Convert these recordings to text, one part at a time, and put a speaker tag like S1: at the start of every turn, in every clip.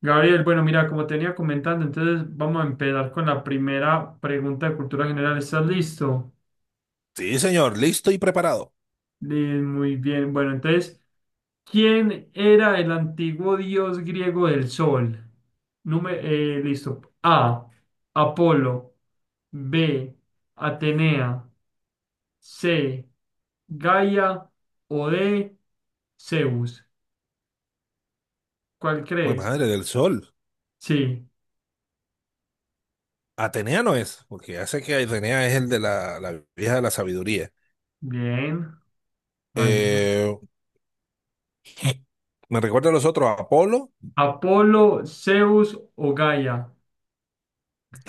S1: Gabriel, bueno, mira, como tenía comentando, entonces vamos a empezar con la primera pregunta de cultura general. ¿Estás listo?
S2: Sí, señor, listo y preparado.
S1: Muy bien. Bueno, entonces, ¿quién era el antiguo dios griego del sol? Número, listo. A. Apolo. B. Atenea. C. Gaia. O D. Zeus. ¿Cuál
S2: Pues
S1: crees?
S2: madre del sol.
S1: Sí.
S2: Atenea no es, porque ya sé que Atenea es el de la vieja de la sabiduría.
S1: Bien. Vas bien.
S2: Eh, me recuerda a los otros, Apolo.
S1: Apolo, Zeus o Gaia.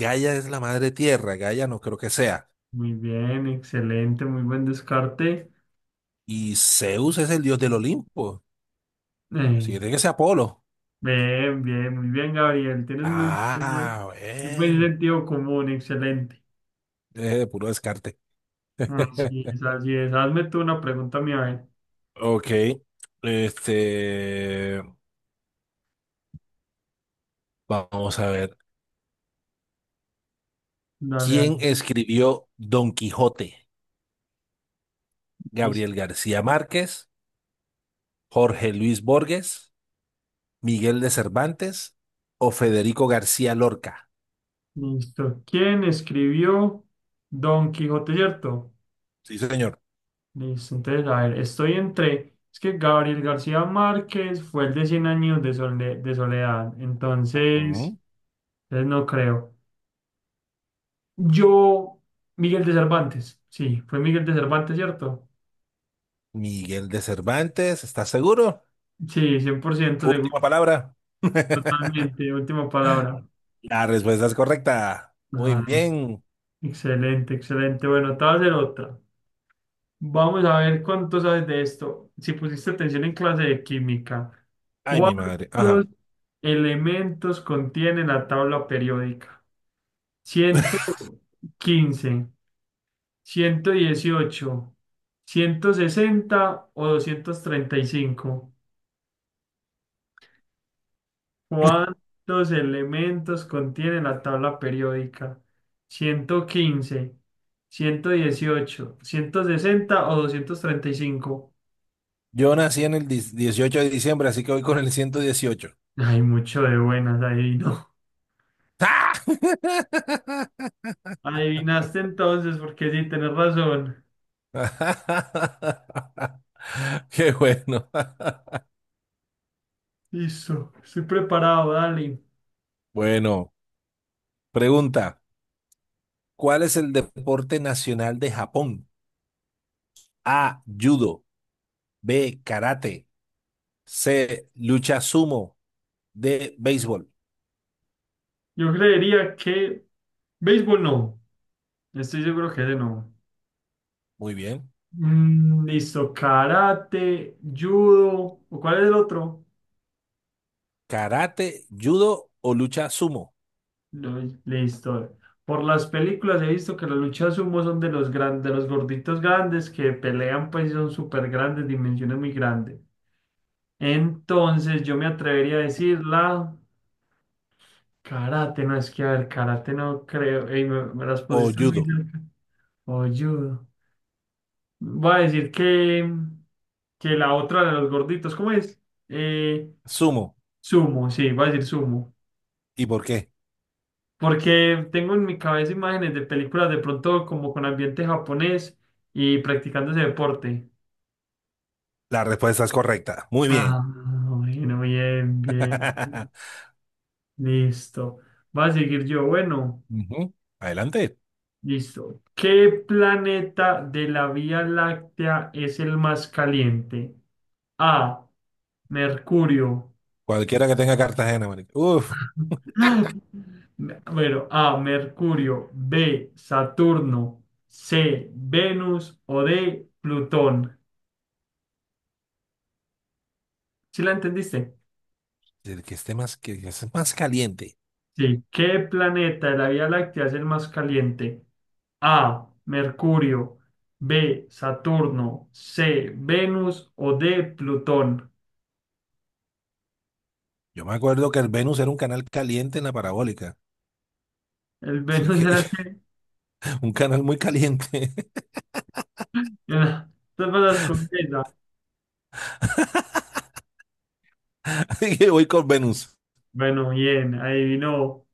S2: Gaia es la madre tierra, Gaia no creo que sea.
S1: Muy bien, excelente, muy buen descarte.
S2: Y Zeus es el dios del Olimpo. Si
S1: Eh,
S2: tiene que ser Apolo.
S1: Bien, bien, muy bien, Gabriel. Tienes muy,
S2: Ah,
S1: muy buen
S2: bien.
S1: sentido común, excelente.
S2: Puro descarte.
S1: Así es, así es. Hazme tú una pregunta mía, a ver.
S2: Ok. Este, vamos a ver.
S1: Dale, dale.
S2: ¿Quién escribió Don Quijote?
S1: Lis-
S2: ¿Gabriel García Márquez? Jorge Luis Borges, Miguel de Cervantes o Federico García Lorca.
S1: Listo. ¿Quién escribió Don Quijote, cierto?
S2: Sí, señor.
S1: Listo, entonces, a ver, estoy entre. Es que Gabriel García Márquez fue el de 100 años de soledad. Entonces,
S2: Ujú.
S1: entonces no creo. Yo, Miguel de Cervantes, sí, fue Miguel de Cervantes, ¿cierto?
S2: Miguel de Cervantes, ¿estás seguro?
S1: Sí, 100% seguro,
S2: Última palabra.
S1: totalmente, última palabra.
S2: La respuesta es correcta. Muy
S1: Ah,
S2: bien.
S1: excelente, excelente. Bueno, te voy a hacer otra. Vamos a ver cuánto sabes de esto. Si pusiste atención en clase de química,
S2: Ay, mi madre. Ajá.
S1: ¿cuántos elementos contiene la tabla periódica? Ciento quince, ciento dieciocho, ciento sesenta o doscientos treinta y cinco. ¿Cuántos elementos contiene la tabla periódica? Ciento quince, ciento dieciocho, ciento sesenta o 235.
S2: Yo nací en el 18 de diciembre, así que voy con el 118.
S1: Hay mucho de buenas, adivino.
S2: ¡Ah!
S1: Adivinaste entonces, porque sí, tenés razón.
S2: Qué bueno.
S1: Listo, estoy preparado, dale.
S2: Bueno, pregunta, ¿cuál es el deporte nacional de Japón? A, judo. B, karate. C, lucha sumo. D, béisbol.
S1: Yo creería que... Béisbol no, estoy seguro que ese no.
S2: Muy bien.
S1: Listo, karate, judo, ¿o cuál es el otro?
S2: ¿Karate, judo o lucha sumo?
S1: No, listo. Por las películas he visto que las luchas sumo son de los gorditos grandes que pelean, pues y son súper grandes, dimensiones muy grandes. Entonces yo me atrevería a decir la karate, no es que a ver, karate no creo. Ey, me las
S2: O
S1: pusiste muy
S2: judo.
S1: cerca. O judo. Voy a decir que la otra de los gorditos, ¿cómo es? Eh,
S2: Sumo.
S1: Sumo, sí, voy a decir sumo.
S2: ¿Y por qué?
S1: Porque tengo en mi cabeza imágenes de películas de pronto como con ambiente japonés y practicando ese deporte.
S2: La respuesta es correcta. Muy bien.
S1: Ah, bueno, bien, bien. Listo. Va a seguir yo. Bueno,
S2: Ujú. Adelante.
S1: listo. ¿Qué planeta de la Vía Láctea es el más caliente? A. Mercurio.
S2: Cualquiera que tenga Cartagena, marica. Uf,
S1: Bueno, A. Mercurio. B. Saturno. C. Venus o D. Plutón. ¿Sí la entendiste?
S2: el que esté más, que esté más caliente.
S1: Sí. ¿Qué planeta de la Vía Láctea es el más caliente? A. Mercurio. B. Saturno. C. Venus. O D. Plutón.
S2: Yo me acuerdo que el Venus era un canal caliente en la parabólica.
S1: El
S2: Así
S1: Venus
S2: que
S1: era el que
S2: un canal muy caliente.
S1: era- Te pasas con esa.
S2: Así que voy con Venus.
S1: Bueno, bien, adivinó.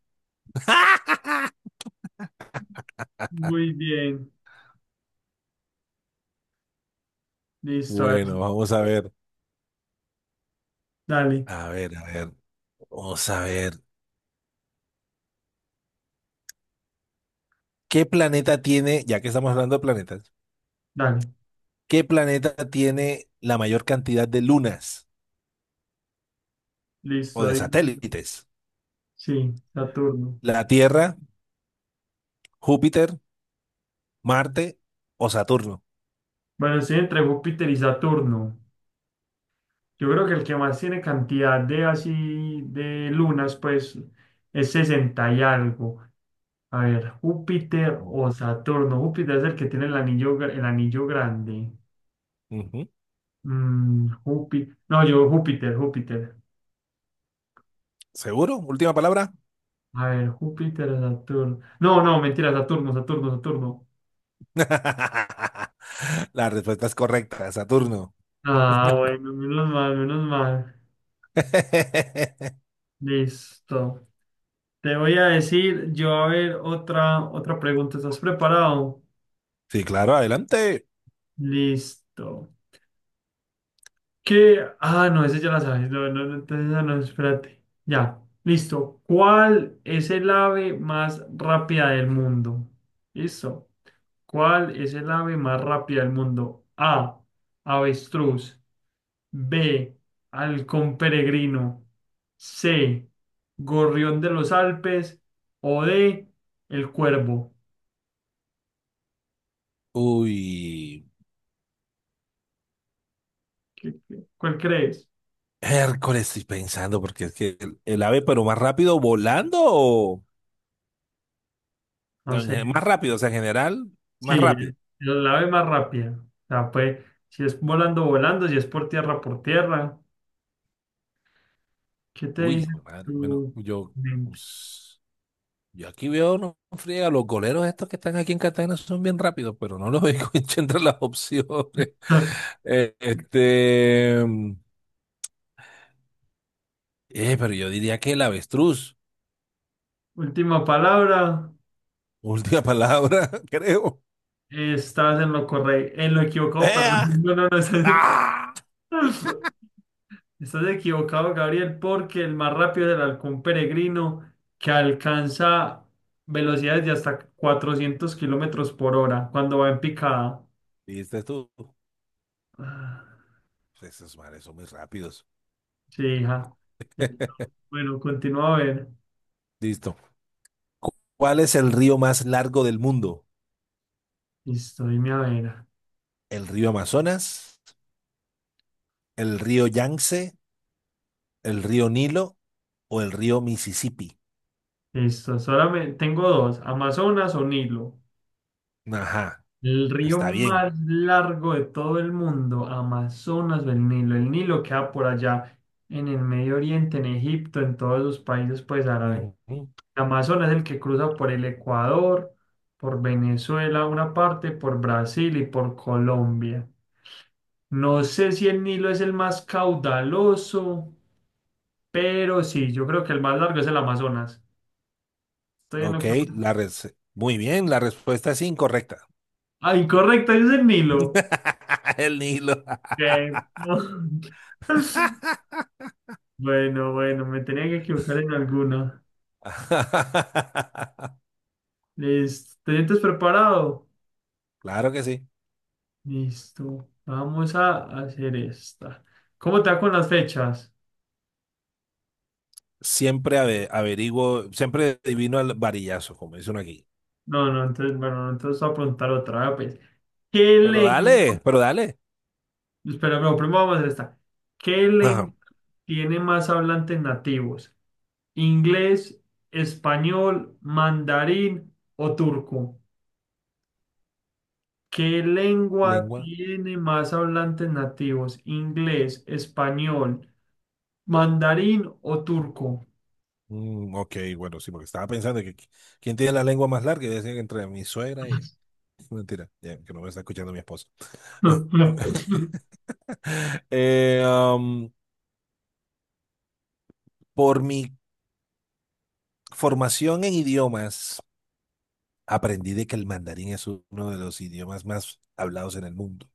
S1: Muy bien. Listo, a ver.
S2: Bueno,
S1: Si,
S2: vamos a ver.
S1: dale,
S2: A ver, a ver, vamos a ver. ¿Qué planeta tiene, ya que estamos hablando de planetas,
S1: dale.
S2: qué planeta tiene la mayor cantidad de lunas o
S1: Listo,
S2: de
S1: dilo.
S2: satélites?
S1: Sí, Saturno.
S2: ¿La Tierra, Júpiter, Marte o Saturno?
S1: Bueno, estoy entre Júpiter y Saturno. Yo creo que el que más tiene cantidad de así de lunas, pues es 60 y algo. A ver, Júpiter
S2: Mm.
S1: o Saturno. Júpiter es el que tiene el anillo grande.
S2: Ujú.
S1: Júpiter. No, yo Júpiter, Júpiter.
S2: ¿Seguro? Última palabra.
S1: A ver, Júpiter o Saturno. No, no, mentira, Saturno, Saturno, Saturno.
S2: La respuesta es correcta, Saturno.
S1: Ah, bueno, menos mal, menos mal. Listo. Te voy a decir, yo a ver, otra pregunta. ¿Estás preparado?
S2: Sí, claro, adelante.
S1: Listo. ¿Qué? Ah, no, ese ya la sabes. No, no, no, entonces, no, no, espérate. Ya, listo. ¿Cuál es el ave más rápida del mundo? Listo. ¿Cuál es el ave más rápida del mundo? A. Avestruz. B. Halcón peregrino. C. Gorrión de los Alpes. O D. El cuervo.
S2: Uy,
S1: ¿Cuál crees?
S2: Hércules, estoy pensando, porque es que el ave, pero más rápido, volando o,
S1: No
S2: no,
S1: sé.
S2: más rápido, o sea, en general, más
S1: Sí,
S2: rápido.
S1: el ave más rápida. O sea, pues, si es volando, volando, si es por tierra, por tierra. ¿Qué te
S2: Uy,
S1: dice
S2: hijo de madre. Bueno,
S1: tu mente?
S2: pues, yo aquí veo, no friega, los goleros estos que están aquí en Cartagena son bien rápidos, pero no los veo entre las opciones. Eh, este, eh, pero yo diría que el avestruz.
S1: Última palabra.
S2: Última palabra, creo.
S1: Estás en lo correcto, en lo equivocado, perdón.
S2: ¡Ea!
S1: No, no, no,
S2: ¡Ah!
S1: estás equivocado, Gabriel, porque el más rápido es el halcón peregrino que alcanza velocidades de hasta 400 kilómetros por hora cuando va en picada.
S2: ¿Viste tú?
S1: Ah.
S2: Pues esos mares son muy rápidos.
S1: Sí, hija. Entonces, bueno, continúa a ver.
S2: Listo. ¿Cuál es el río más largo del mundo?
S1: Listo, dime a ver.
S2: ¿El río Amazonas? ¿El río Yangtze? ¿El río Nilo o el río Mississippi?
S1: Listo, solamente tengo dos, Amazonas o Nilo.
S2: Ajá,
S1: El río
S2: está bien.
S1: más largo de todo el mundo, Amazonas o el Nilo. El Nilo queda por allá, en el Medio Oriente, en Egipto, en todos los países pues árabes.
S2: Ujú.
S1: El Amazonas es el que cruza por el Ecuador, por Venezuela una parte, por Brasil y por Colombia. No sé si el Nilo es el más caudaloso. Pero sí, yo creo que el más largo es el Amazonas. Estoy en lo
S2: Ok,
S1: correcto.
S2: la muy bien, la respuesta es incorrecta.
S1: Ah, incorrecto, es el Nilo.
S2: El Nilo.
S1: Ok. Bueno, bueno, me tenía que equivocar en alguna. Listo. ¿Te sientes preparado?
S2: Claro que sí.
S1: Listo. Vamos a hacer esta. ¿Cómo te va con las fechas?
S2: Siempre averiguo, siempre adivino al varillazo, como dicen aquí.
S1: No, no, entonces, bueno, entonces voy a preguntar otra vez, pues. ¿Qué
S2: Pero
S1: lengua?
S2: dale, pero dale.
S1: Espera, no, primero vamos a hacer esta. ¿Qué lengua
S2: Ajá.
S1: tiene más hablantes nativos? Inglés, español, mandarín o turco. ¿Qué lengua
S2: Lengua.
S1: tiene más hablantes nativos? Inglés, español, mandarín o turco.
S2: Ok, bueno, sí, porque estaba pensando que quién tiene la lengua más larga. Yo decía que entre mi suegra y... Mentira, ya, que no me está escuchando mi esposa. Eh, am, por mi formación en idiomas, aprendí de que el mandarín es uno de los idiomas más hablados en el mundo.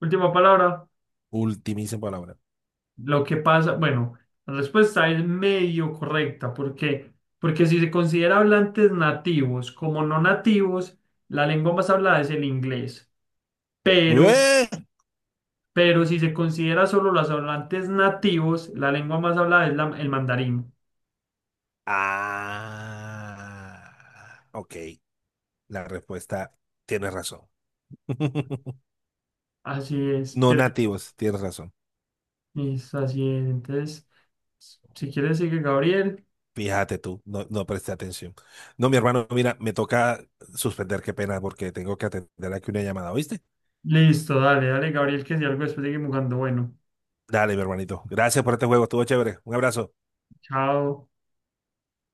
S1: Última palabra.
S2: Ultimísima palabra.
S1: Lo que pasa, bueno, la respuesta es medio correcta. ¿Por qué? Porque si se considera hablantes nativos como no nativos, la lengua más hablada es el inglés. Pero
S2: Bueh.
S1: Pero si se considera solo los hablantes nativos, la lengua más hablada es el mandarín.
S2: Ah, ok. La respuesta, tienes razón.
S1: Así es,
S2: No
S1: ¿quieres?
S2: nativos, tienes razón.
S1: Listo, así es. Entonces, si quieres, sigue Gabriel.
S2: Fíjate tú, no, no presté atención. No, mi hermano, mira, me toca suspender, qué pena, porque tengo que atender aquí una llamada, ¿oíste?
S1: Listo, dale, dale, Gabriel, que si algo después seguimos jugando. Bueno,
S2: Dale, mi hermanito. Gracias por este juego, estuvo chévere. Un abrazo.
S1: chao.